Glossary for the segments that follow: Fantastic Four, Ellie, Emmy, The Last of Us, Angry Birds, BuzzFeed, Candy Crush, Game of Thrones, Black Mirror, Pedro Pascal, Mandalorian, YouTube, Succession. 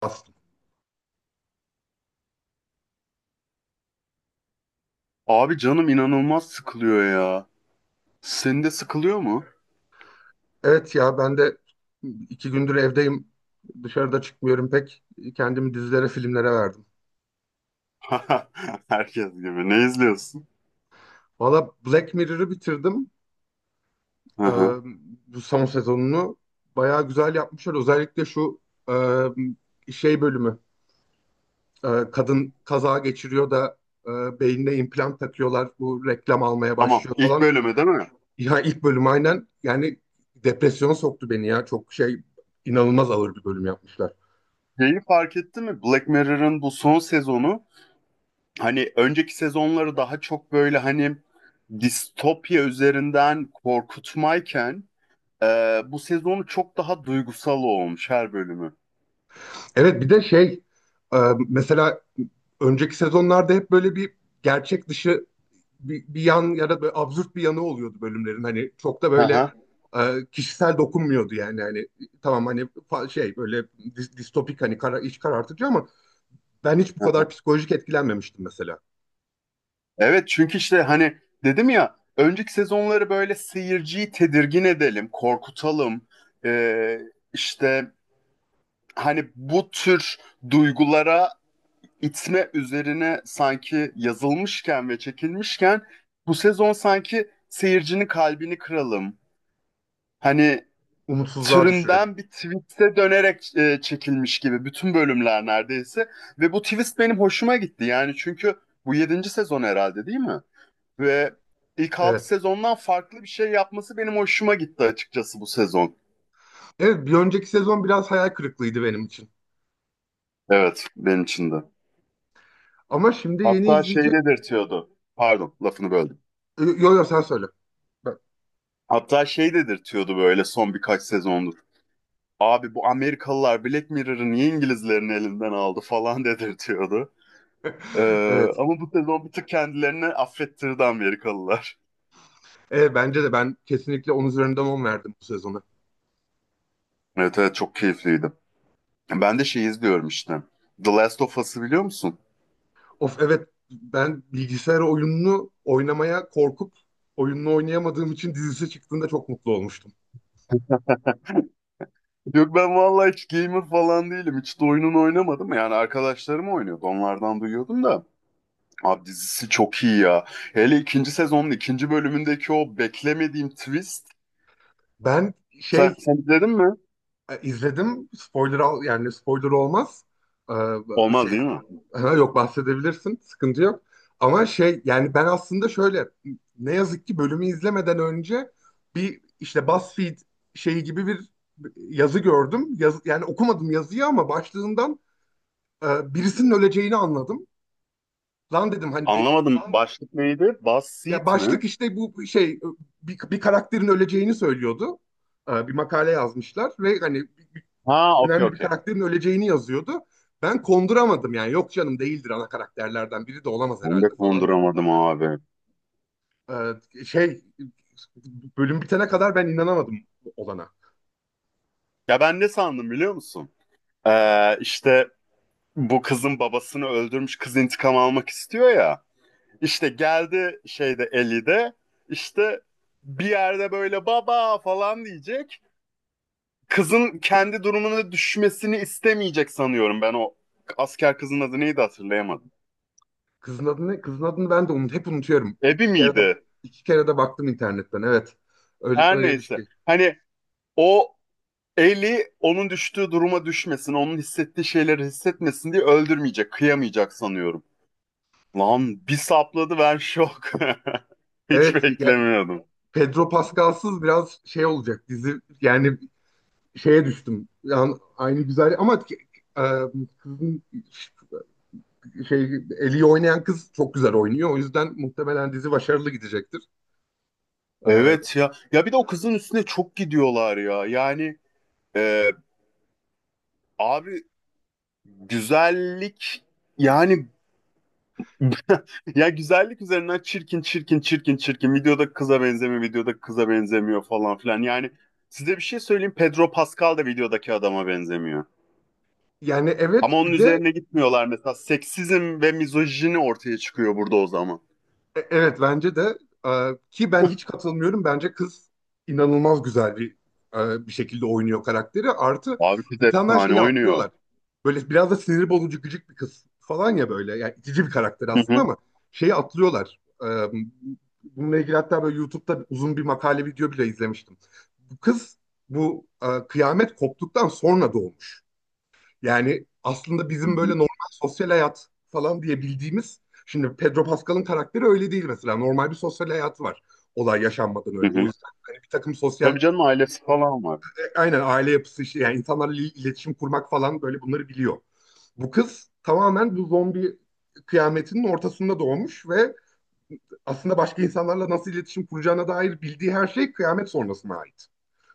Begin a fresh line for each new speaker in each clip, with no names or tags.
Aslında.
Abi canım inanılmaz sıkılıyor ya. Senin de sıkılıyor mu?
Evet ya ben de 2 gündür evdeyim. Dışarıda çıkmıyorum pek. Kendimi dizilere, filmlere verdim.
Herkes gibi. Ne izliyorsun?
Valla Black Mirror'ı bitirdim.
Hı
Ee,
hı.
bu son sezonunu bayağı güzel yapmışlar. Özellikle şu şey bölümü. Kadın kaza geçiriyor da beynine implant takıyorlar. Bu reklam almaya
Tamam.
başlıyor
İlk
falan.
bölümü değil mi?
Ya ilk bölüm aynen yani depresyona soktu beni ya. Çok şey inanılmaz ağır bir bölüm yapmışlar.
Şeyi fark ettin mi? Black Mirror'ın bu son sezonu hani önceki sezonları daha çok böyle hani distopya üzerinden korkutmayken e, bu sezonu çok daha duygusal olmuş her bölümü.
Evet bir de şey e, mesela önceki sezonlarda hep böyle bir gerçek dışı bir yan ya da böyle absürt bir yanı oluyordu bölümlerin. Hani çok da böyle
Hı
kişisel dokunmuyordu yani. Hani tamam hani şey böyle distopik hani kara, iç karartıcı ama ben hiç bu kadar
hı.
psikolojik etkilenmemiştim mesela.
Evet çünkü işte hani dedim ya önceki sezonları böyle seyirciyi tedirgin edelim, korkutalım. Ee, işte hani bu tür duygulara itme üzerine sanki yazılmışken ve çekilmişken bu sezon sanki seyircinin kalbini kıralım. Hani
Umutsuzluğa düşürelim.
türünden bir twist'e dönerek çekilmiş gibi bütün bölümler neredeyse. Ve bu twist benim hoşuma gitti yani çünkü bu yedinci sezon herhalde değil mi? Ve ilk 6
Evet.
sezondan farklı bir şey yapması benim hoşuma gitti açıkçası bu sezon.
Evet, bir önceki sezon biraz hayal kırıklığıydı benim için.
Evet, benim için de.
Ama şimdi yeni
Hatta şey
izleyecek...
dedirtiyordu. Pardon, lafını böldüm.
Yo yo sen söyle. Ben-
Hatta şey dedirtiyordu böyle son birkaç sezondur. Abi bu Amerikalılar Black Mirror'ı niye İngilizlerin elinden aldı falan dedirtiyordu.
Evet.
Ama bu sezon bir tık kendilerini affettirdi Amerikalılar.
Evet bence de ben kesinlikle 10 üzerinden 10 verdim bu sezona.
Evet, evet, çok keyifliydi. Ben de şey izliyorum işte. The Last of Us'ı biliyor musun?
Of evet ben bilgisayar oyununu oynamaya korkup oyununu oynayamadığım için dizisi çıktığında çok mutlu olmuştum.
Yok ben vallahi hiç gamer falan değilim. Hiç de oyunun oynamadım. Yani arkadaşlarım oynuyordu. Onlardan duyuyordum da. Abi dizisi çok iyi ya. Hele ikinci sezonun ikinci bölümündeki o beklemediğim twist.
Ben
Sen,
şey.
sen izledin mi?
İzledim. Spoiler al, yani spoiler olmaz. E, şey,
Olmaz değil mi?
ha, yok bahsedebilirsin. Sıkıntı yok. Ama şey yani ben aslında şöyle, ne yazık ki bölümü izlemeden önce bir işte BuzzFeed şeyi gibi bir yazı gördüm. Yazı, yani okumadım yazıyı ama başlığından birisinin öleceğini anladım. Lan dedim hani
Anlamadım. Başlık neydi? Buzz
ya
Seat mi?
başlık işte bu şey bir karakterin öleceğini söylüyordu. Bir makale yazmışlar ve hani
Ha, okey,
önemli bir
okey.
karakterin öleceğini yazıyordu. Ben konduramadım yani yok canım değildir, ana karakterlerden biri de olamaz
Ben de
herhalde falan dedim.
konduramadım abi.
Şey, bölüm bitene kadar ben inanamadım olana.
Ya ben ne sandım biliyor musun? İşte bu kızın babasını öldürmüş kız intikam almak istiyor ya. İşte geldi şeyde 50'de işte bir yerde böyle baba falan diyecek. Kızın kendi durumuna düşmesini istemeyecek sanıyorum ben o asker kızın adı neydi hatırlayamadım.
Kızın adı ne? Kızın adını ben de unut, hep unutuyorum.
Ebi
İki kere de
miydi?
iki kere de baktım internetten evet. Öyle
Her
öyle bir
neyse.
şey.
Hani o Eli onun düştüğü duruma düşmesin, onun hissettiği şeyleri hissetmesin diye öldürmeyecek, kıyamayacak sanıyorum. Lan bir sapladı ben şok. Hiç
Evet ya
beklemiyordum.
Pedro Pascal'sız biraz şey olacak dizi yani şeye düştüm. Yani aynı güzel ama e, kızın şey, Ellie'yi oynayan kız çok güzel oynuyor. O yüzden muhtemelen dizi başarılı gidecektir. Ee,
Evet ya. Ya bir de o kızın üstüne çok gidiyorlar ya. Yani Ee, abi güzellik yani ya güzellik üzerinden çirkin çirkin çirkin çirkin videoda kıza benzemiyor videoda kıza benzemiyor falan filan. Yani size bir şey söyleyeyim Pedro Pascal da videodaki adama benzemiyor.
yani
Ama
evet
onun
bir de
üzerine gitmiyorlar mesela seksizm ve mizojini ortaya çıkıyor burada o zaman.
Evet bence de, ki ben hiç katılmıyorum. Bence kız inanılmaz güzel bir şekilde oynuyor karakteri. Artı
Abi kız
insanlar
efsane
şeyi
oynuyor.
atlıyorlar. Böyle biraz da sinir bozucu gıcık bir kız falan ya böyle. Yani itici bir karakter
Hı
aslında
hı.
ama şeyi atlıyorlar. Bununla ilgili hatta böyle YouTube'da uzun bir makale video bile izlemiştim. Bu kız bu kıyamet koptuktan sonra doğmuş. Yani aslında
Hı
bizim böyle
hı.
normal sosyal hayat falan diye bildiğimiz, şimdi Pedro Pascal'ın karakteri öyle değil mesela. Normal bir sosyal hayatı var olay yaşanmadan
Hı
önce. O
hı.
yüzden hani bir takım sosyal,
Tabii canım ailesi falan var.
aynen aile yapısı işte yani insanlarla iletişim kurmak falan böyle bunları biliyor. Bu kız tamamen bu zombi kıyametinin ortasında doğmuş ve aslında başka insanlarla nasıl iletişim kuracağına dair bildiği her şey kıyamet sonrasına ait.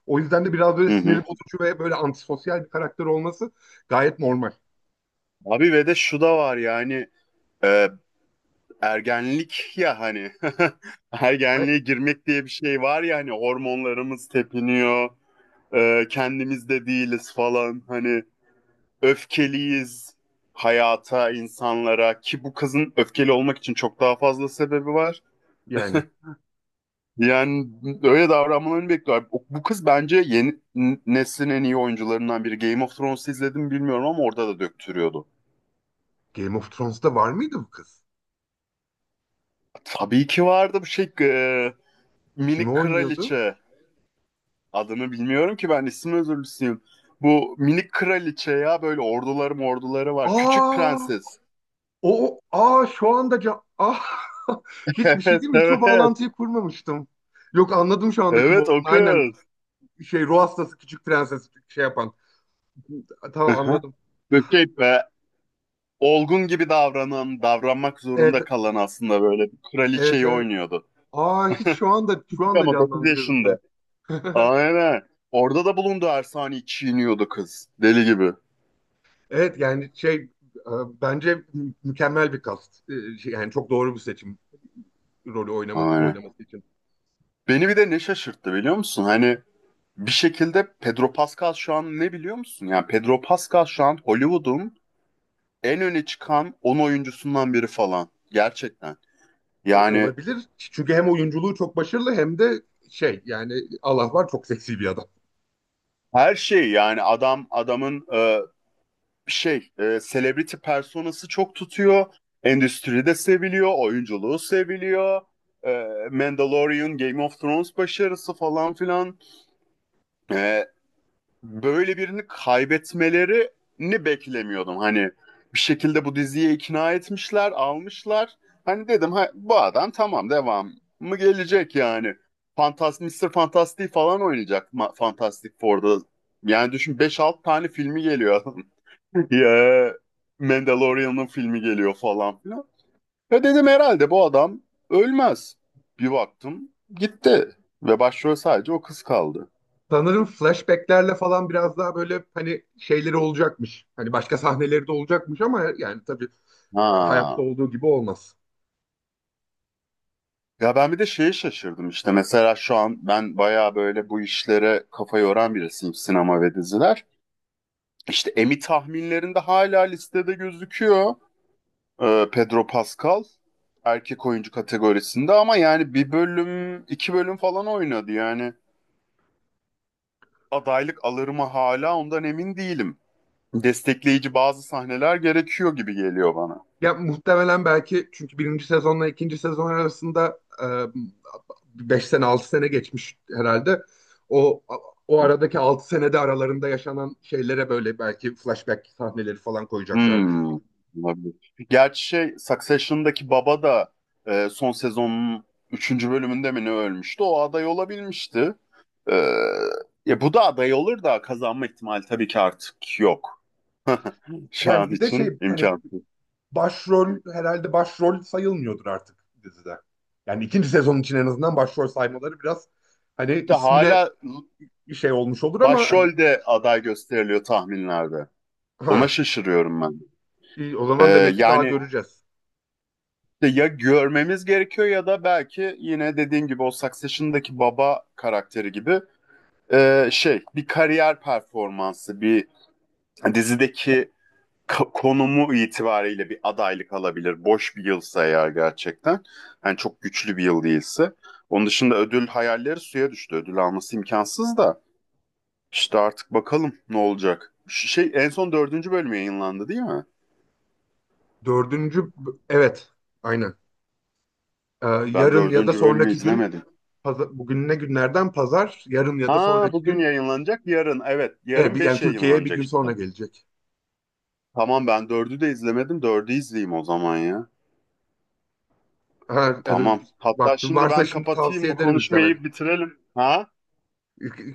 O yüzden de biraz böyle
Hı
siniri
hı.
bozucu ve böyle antisosyal bir karakter olması gayet normal.
Abi ve de şu da var yani e, ergenlik ya hani ergenliğe girmek diye bir şey var ya hani hormonlarımız tepiniyor kendimiz de değiliz falan hani öfkeliyiz hayata insanlara ki bu kızın öfkeli olmak için çok daha fazla sebebi var.
Yani.
Yani öyle davranmalarını bekliyor. Bu kız bence yeni neslin en iyi oyuncularından biri. Game of Thrones'u izledim mi bilmiyorum ama orada da döktürüyordu.
Game of Thrones'ta var mıydı bu kız?
Tabii ki vardı bu şey
Kimi
minik
oynuyordu?
kraliçe. Adını bilmiyorum ki ben isim özürlüsüyüm. Bu minik kraliçe ya böyle orduları var. Küçük
Aa,
prenses.
o aa şu anda can ah hiçbir şey
Evet,
değil mi? Hiç o
evet.
bağlantıyı kurmamıştım. Yok anladım şu anda kim
Evet
olduğunu.
o
Aynen
kız.
şey, ruh hastası küçük prenses şey yapan. Tamam
Aha.
anladım.
Böyle şey be, olgun gibi davranan, davranmak
Evet
zorunda kalan aslında böyle bir
evet
kraliçeyi
evet.
oynuyordu.
Aa hiç şu anda
Ama 9
canlandı
yaşında.
gözümde.
Aynen. Orada da bulundu Ersani çiğniyordu kız. Deli gibi.
Evet yani şey, bence mükemmel bir kast. Yani çok doğru bir seçim, rolü
Aynen.
oynaması için.
Beni bir de ne şaşırttı biliyor musun? Hani bir şekilde Pedro Pascal şu an ne biliyor musun? Yani Pedro Pascal şu an Hollywood'un en öne çıkan 10 oyuncusundan biri falan. Gerçekten. Yani
Olabilir. Çünkü hem oyunculuğu çok başarılı hem de şey yani Allah var, çok seksi bir adam.
her şey yani adam adamın şey celebrity personası çok tutuyor. Endüstride seviliyor, oyunculuğu seviliyor. Mandalorian, Game of Thrones başarısı falan filan. E, böyle birini kaybetmelerini beklemiyordum. Hani bir şekilde bu diziye ikna etmişler, almışlar. Hani dedim ha, bu adam tamam devam mı gelecek yani. Fantas Mister Fantastic falan oynayacak Fantastic Four'da. Yani düşün beş 6 tane filmi geliyor adam. Ya Mandalorian'ın filmi geliyor falan filan. Ve dedim herhalde bu adam ölmez. Bir baktım gitti. Ve başrol sadece o kız kaldı.
Sanırım flashbacklerle falan biraz daha böyle hani şeyleri olacakmış. Hani başka sahneleri de olacakmış ama yani tabii hayatta
Ha.
olduğu gibi olmaz.
Ya ben bir de şeye şaşırdım işte mesela şu an ben bayağı böyle bu işlere kafa yoran birisiyim sinema ve diziler. İşte Emmy tahminlerinde hala listede gözüküyor. Pedro Pascal erkek oyuncu kategorisinde ama yani bir bölüm iki bölüm falan oynadı yani adaylık alır mı hala ondan emin değilim. Destekleyici bazı sahneler gerekiyor gibi geliyor bana.
Ya muhtemelen belki çünkü birinci sezonla ikinci sezon arasında 5 sene 6 sene geçmiş herhalde. O O aradaki 6 senede aralarında yaşanan şeylere böyle belki flashback sahneleri falan koyacaklardır.
Hmm, olabilir. Gerçi şey Succession'daki baba da son sezonun üçüncü bölümünde mi ne ölmüştü? O aday olabilmişti. E, ya bu da aday olur da kazanma ihtimali tabii ki artık yok. Şu
Yani
an
bir de
için
şey hani
imkansız.
herhalde başrol sayılmıyordur artık dizide. Yani ikinci sezon için en azından başrol saymaları biraz hani
İşte
ismine
hala
bir şey olmuş olur ama hani
başrolde aday gösteriliyor tahminlerde.
ha,
Ona şaşırıyorum ben.
iyi, o zaman
E,
demek ki daha
yani
göreceğiz.
işte ya görmemiz gerekiyor ya da belki yine dediğin gibi o Succession'daki baba karakteri gibi şey bir kariyer performansı, bir dizideki konumu itibariyle bir adaylık alabilir. Boş bir yılsa eğer gerçekten. Yani çok güçlü bir yıl değilse. Onun dışında ödül hayalleri suya düştü. Ödül alması imkansız da. İşte artık bakalım ne olacak. Şey en son dördüncü bölüm yayınlandı değil mi?
Dördüncü, evet, aynen.
Ben
Yarın ya da
dördüncü bölümü
sonraki gün,
izlemedim.
bugün ne günlerden, pazar. Yarın ya da
Ha
sonraki
bugün
gün,
yayınlanacak yarın. Evet yarın
yani
beş
Türkiye'ye bir
yayınlanacak
gün
işte.
sonra gelecek.
Tamam ben dördü de izlemedim. Dördü izleyeyim o zaman ya.
Ha, evet,
Tamam. Hatta
vaktin
şimdi
varsa
ben
şimdi
kapatayım
tavsiye
bu
ederim izlemeni.
konuşmayı bitirelim. Ha?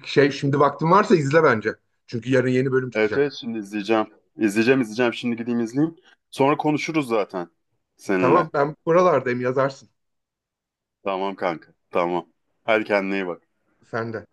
Şey, şimdi vaktin varsa izle bence. Çünkü yarın yeni bölüm
Evet,
çıkacak.
evet, şimdi izleyeceğim. İzleyeceğim, izleyeceğim. Şimdi gideyim izleyeyim. Sonra konuşuruz zaten seninle.
Tamam, ben buralardayım, yazarsın.
Tamam kanka. Tamam. Hadi kendine iyi bak.
Sen de.